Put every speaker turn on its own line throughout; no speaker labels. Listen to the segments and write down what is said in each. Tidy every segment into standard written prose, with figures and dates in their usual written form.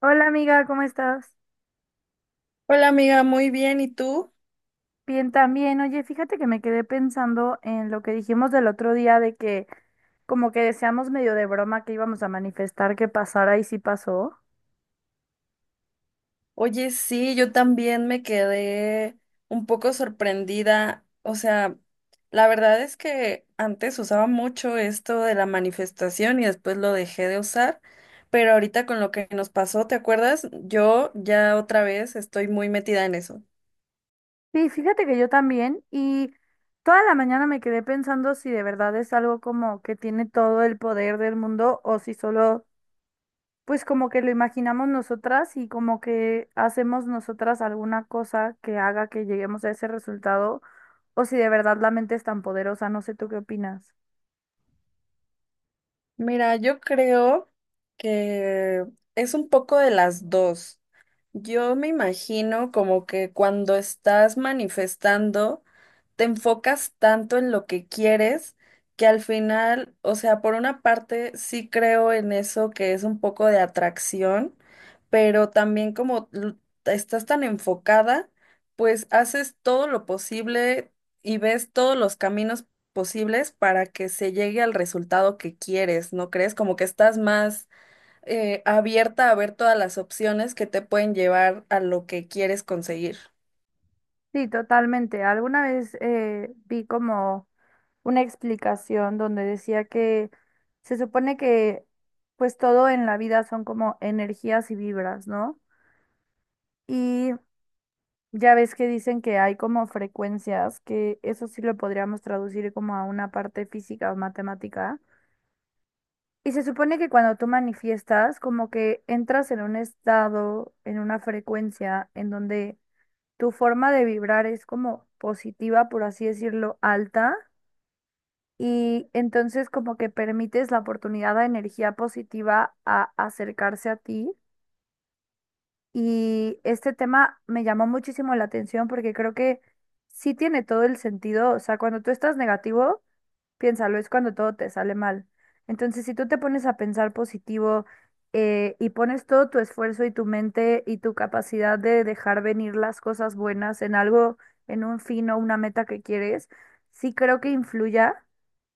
Hola amiga, ¿cómo estás?
Hola amiga, muy bien. ¿Y tú?
Bien también. Oye, fíjate que me quedé pensando en lo que dijimos del otro día de que como que deseamos medio de broma que íbamos a manifestar que pasara y sí pasó.
Oye, sí, yo también me quedé un poco sorprendida. O sea, la verdad es que antes usaba mucho esto de la manifestación y después lo dejé de usar, pero ahorita con lo que nos pasó, ¿te acuerdas? Yo ya otra vez estoy muy metida en eso.
Sí, fíjate que yo también y toda la mañana me quedé pensando si de verdad es algo como que tiene todo el poder del mundo o si solo pues como que lo imaginamos nosotras y como que hacemos nosotras alguna cosa que haga que lleguemos a ese resultado o si de verdad la mente es tan poderosa. No sé, ¿tú qué opinas?
Mira, yo creo que es un poco de las dos. Yo me imagino como que cuando estás manifestando, te enfocas tanto en lo que quieres que al final, o sea, por una parte sí creo en eso que es un poco de atracción, pero también como estás tan enfocada, pues haces todo lo posible y ves todos los caminos posibles para que se llegue al resultado que quieres, ¿no crees? Como que estás más abierta a ver todas las opciones que te pueden llevar a lo que quieres conseguir.
Sí, totalmente. Alguna vez vi como una explicación donde decía que se supone que pues todo en la vida son como energías y vibras, ¿no? Y ya ves que dicen que hay como frecuencias, que eso sí lo podríamos traducir como a una parte física o matemática. Y se supone que cuando tú manifiestas, como que entras en un estado, en una frecuencia en donde tu forma de vibrar es como positiva, por así decirlo, alta. Y entonces como que permites la oportunidad a energía positiva a acercarse a ti. Y este tema me llamó muchísimo la atención porque creo que sí tiene todo el sentido. O sea, cuando tú estás negativo, piénsalo, es cuando todo te sale mal. Entonces, si tú te pones a pensar positivo, y pones todo tu esfuerzo y tu mente y tu capacidad de dejar venir las cosas buenas en algo, en un fin o una meta que quieres, sí creo que influya,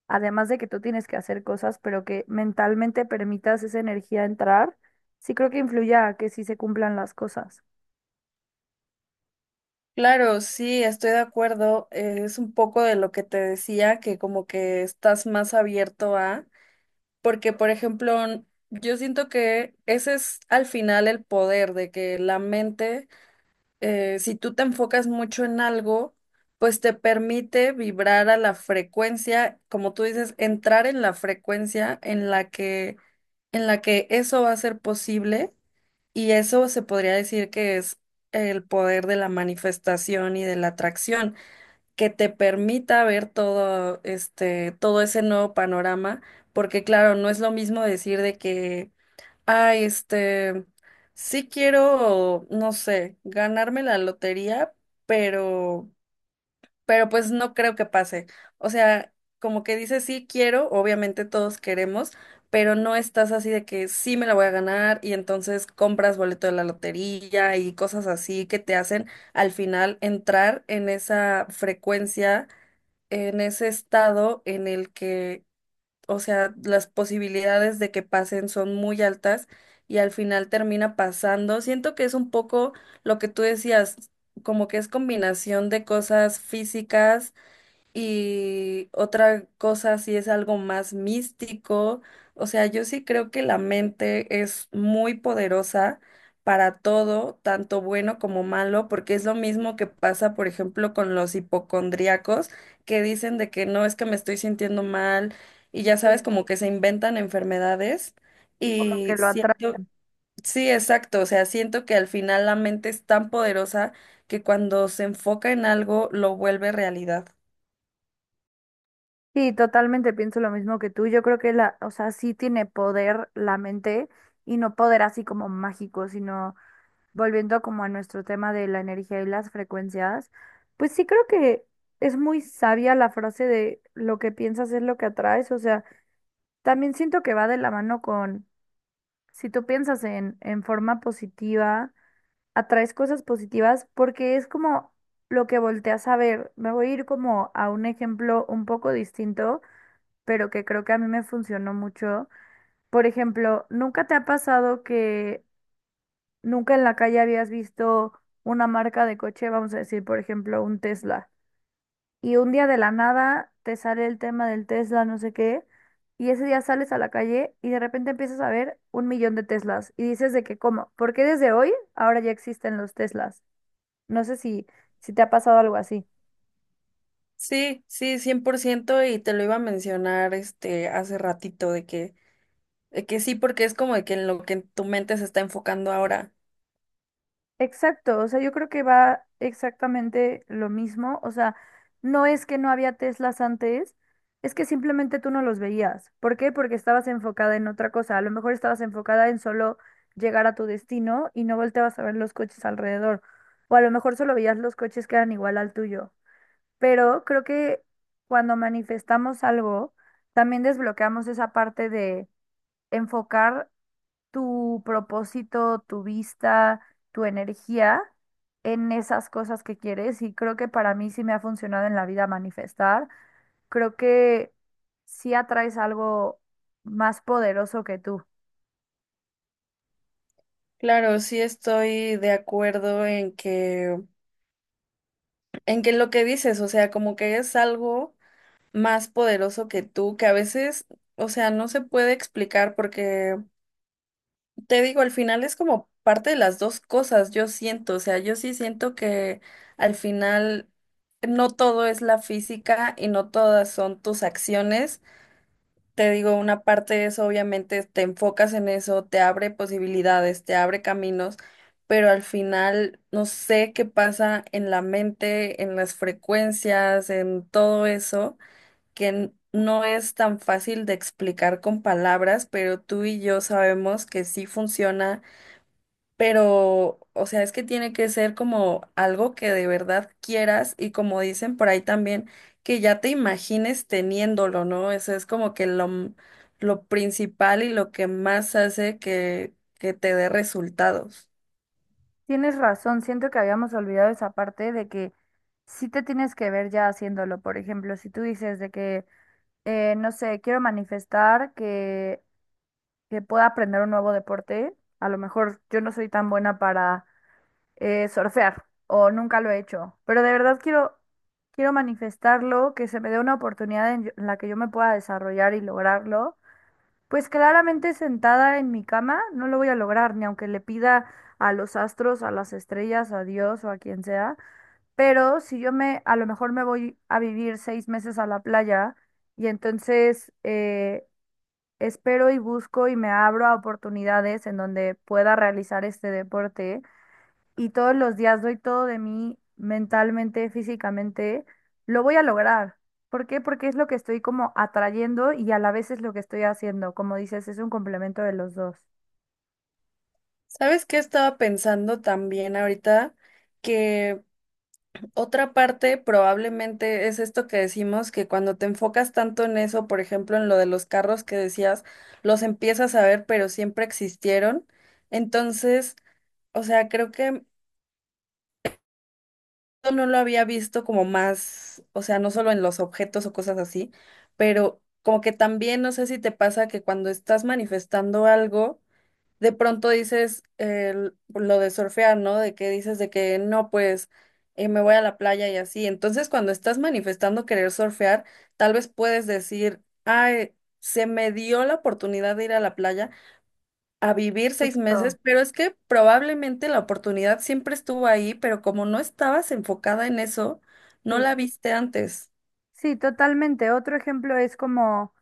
además de que tú tienes que hacer cosas, pero que mentalmente permitas esa energía entrar, sí creo que influya a que sí se cumplan las cosas.
Claro, sí, estoy de acuerdo. Es un poco de lo que te decía, que como que estás más abierto a, porque por ejemplo, yo siento que ese es al final el poder de que la mente si tú te enfocas mucho en algo, pues te permite vibrar a la frecuencia, como tú dices, entrar en la frecuencia en la que eso va a ser posible, y eso se podría decir que es el poder de la manifestación y de la atracción, que te permita ver todo este, todo ese nuevo panorama, porque claro, no es lo mismo decir de que ay, este, sí quiero, no sé, ganarme la lotería, pero, pues no creo que pase. O sea, como que dice sí quiero, obviamente todos queremos, pero no estás así de que sí me la voy a ganar y entonces compras boleto de la lotería y cosas así que te hacen al final entrar en esa frecuencia, en ese estado en el que, o sea, las posibilidades de que pasen son muy altas y al final termina pasando. Siento que es un poco lo que tú decías, como que es combinación de cosas físicas y otra cosa, si es algo más místico. O sea, yo sí creo que la mente es muy poderosa para todo, tanto bueno como malo, porque es lo mismo que pasa, por ejemplo, con los hipocondríacos, que dicen de que no, es que me estoy sintiendo mal, y ya sabes,
Sí,
como que se inventan enfermedades.
y como
Y
que lo
siento,
atraen.
sí, exacto, o sea, siento que al final la mente es tan poderosa que cuando se enfoca en algo lo vuelve realidad.
Sí, totalmente pienso lo mismo que tú. Yo creo que la, o sea, sí tiene poder la mente y no poder así como mágico, sino volviendo como a nuestro tema de la energía y las frecuencias, pues sí creo que es muy sabia la frase de lo que piensas es lo que atraes. O sea, también siento que va de la mano con si tú piensas en forma positiva, atraes cosas positivas porque es como lo que volteas a ver. Me voy a ir como a un ejemplo un poco distinto, pero que creo que a mí me funcionó mucho. Por ejemplo, ¿nunca te ha pasado que nunca en la calle habías visto una marca de coche? Vamos a decir, por ejemplo, un Tesla y un día de la nada te sale el tema del Tesla, no sé qué, y ese día sales a la calle y de repente empiezas a ver un millón de Teslas y dices de que, ¿cómo? ¿Por qué desde hoy ahora ya existen los Teslas? No sé si, si te ha pasado algo así.
Sí, sí, 100%, y te lo iba a mencionar este hace ratito de que sí, porque es como de que en lo que tu mente se está enfocando ahora.
Exacto, o sea, yo creo que va exactamente lo mismo, o sea, no es que no había Teslas antes, es que simplemente tú no los veías. ¿Por qué? Porque estabas enfocada en otra cosa, a lo mejor estabas enfocada en solo llegar a tu destino y no volteabas a ver los coches alrededor, o a lo mejor solo veías los coches que eran igual al tuyo. Pero creo que cuando manifestamos algo, también desbloqueamos esa parte de enfocar tu propósito, tu vista, tu energía en esas cosas que quieres y creo que para mí sí me ha funcionado en la vida manifestar. Creo que sí atraes algo más poderoso que tú.
Claro, sí, estoy de acuerdo en que lo que dices. O sea, como que es algo más poderoso que tú, que a veces, o sea, no se puede explicar porque, te digo, al final es como parte de las dos cosas. Yo siento, o sea, yo sí siento que al final no todo es la física y no todas son tus acciones. Te digo, una parte es obviamente te enfocas en eso, te abre posibilidades, te abre caminos, pero al final no sé qué pasa en la mente, en las frecuencias, en todo eso, que no es tan fácil de explicar con palabras, pero tú y yo sabemos que sí funciona. Pero, o sea, es que tiene que ser como algo que de verdad quieras, y como dicen por ahí también, que ya te imagines teniéndolo, ¿no? Eso es como que lo, lo principal y lo que más hace que te dé resultados.
Tienes razón, siento que habíamos olvidado esa parte de que sí te tienes que ver ya haciéndolo. Por ejemplo, si tú dices de que, no sé, quiero manifestar que pueda aprender un nuevo deporte, a lo mejor yo no soy tan buena para surfear o nunca lo he hecho, pero de verdad quiero, quiero manifestarlo, que se me dé una oportunidad en, en la que yo me pueda desarrollar y lograrlo. Pues claramente sentada en mi cama no lo voy a lograr, ni aunque le pida a los astros, a las estrellas, a Dios o a quien sea, pero si yo me, a lo mejor me voy a vivir 6 meses a la playa y entonces, espero y busco y me abro a oportunidades en donde pueda realizar este deporte y todos los días doy todo de mí mentalmente, físicamente, lo voy a lograr. ¿Por qué? Porque es lo que estoy como atrayendo y a la vez es lo que estoy haciendo. Como dices, es un complemento de los dos.
¿Sabes qué estaba pensando también ahorita? Otra parte probablemente es esto que decimos, que cuando te enfocas tanto en eso, por ejemplo, en lo de los carros que decías, los empiezas a ver, pero siempre existieron. Entonces, o sea, creo que yo no lo había visto como más, o sea, no solo en los objetos o cosas así, pero como que también, no sé si te pasa que cuando estás manifestando algo, de pronto dices lo de surfear, ¿no? De que dices de que no, pues me voy a la playa y así. Entonces, cuando estás manifestando querer surfear, tal vez puedes decir, ay, se me dio la oportunidad de ir a la playa a vivir seis
Justo.
meses, pero es que probablemente la oportunidad siempre estuvo ahí, pero como no estabas enfocada en eso, no
Sí,
la viste antes.
sí, totalmente. Otro ejemplo es como,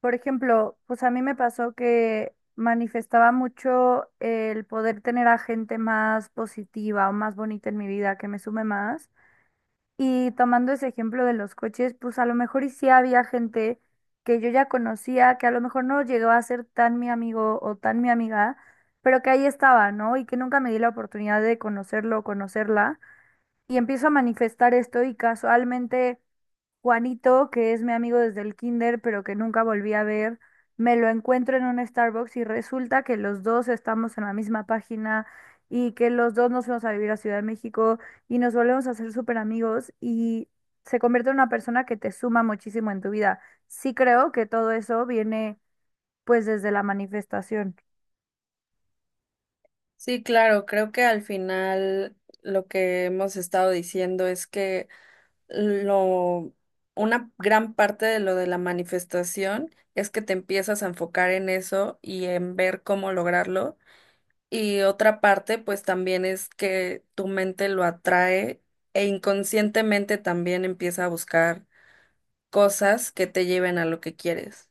por ejemplo, pues a mí me pasó que manifestaba mucho el poder tener a gente más positiva o más bonita en mi vida, que me sume más. Y tomando ese ejemplo de los coches, pues a lo mejor y sí había gente que yo ya conocía, que a lo mejor no llegó a ser tan mi amigo o tan mi amiga, pero que ahí estaba, ¿no? Y que nunca me di la oportunidad de conocerlo o conocerla. Y empiezo a manifestar esto y casualmente Juanito, que es mi amigo desde el kinder, pero que nunca volví a ver, me lo encuentro en un Starbucks y resulta que los dos estamos en la misma página y que los dos nos fuimos a vivir a Ciudad de México y nos volvemos a ser súper amigos y se convierte en una persona que te suma muchísimo en tu vida. Sí creo que todo eso viene pues desde la manifestación.
Sí, claro, creo que al final lo que hemos estado diciendo es que lo, una gran parte de lo de la manifestación es que te empiezas a enfocar en eso y en ver cómo lograrlo. Y otra parte, pues también es que tu mente lo atrae e inconscientemente también empieza a buscar cosas que te lleven a lo que quieres.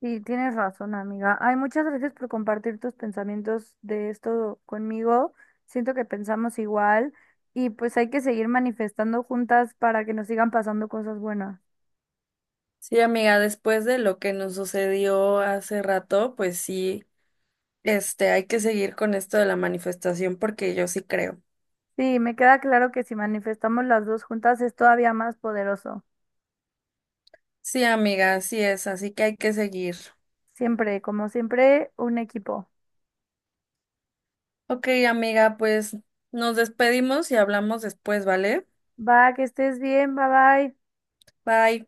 Y tienes razón, amiga. Ay, muchas gracias por compartir tus pensamientos de esto conmigo. Siento que pensamos igual y pues hay que seguir manifestando juntas para que nos sigan pasando cosas buenas.
Sí, amiga, después de lo que nos sucedió hace rato, pues sí, este, hay que seguir con esto de la manifestación porque yo sí creo.
Sí, me queda claro que si manifestamos las dos juntas es todavía más poderoso.
Sí, amiga, así es, así que hay que seguir.
Siempre, como siempre, un equipo.
Ok, amiga, pues nos despedimos y hablamos después, ¿vale?
Va, que estés bien, bye bye.
Bye.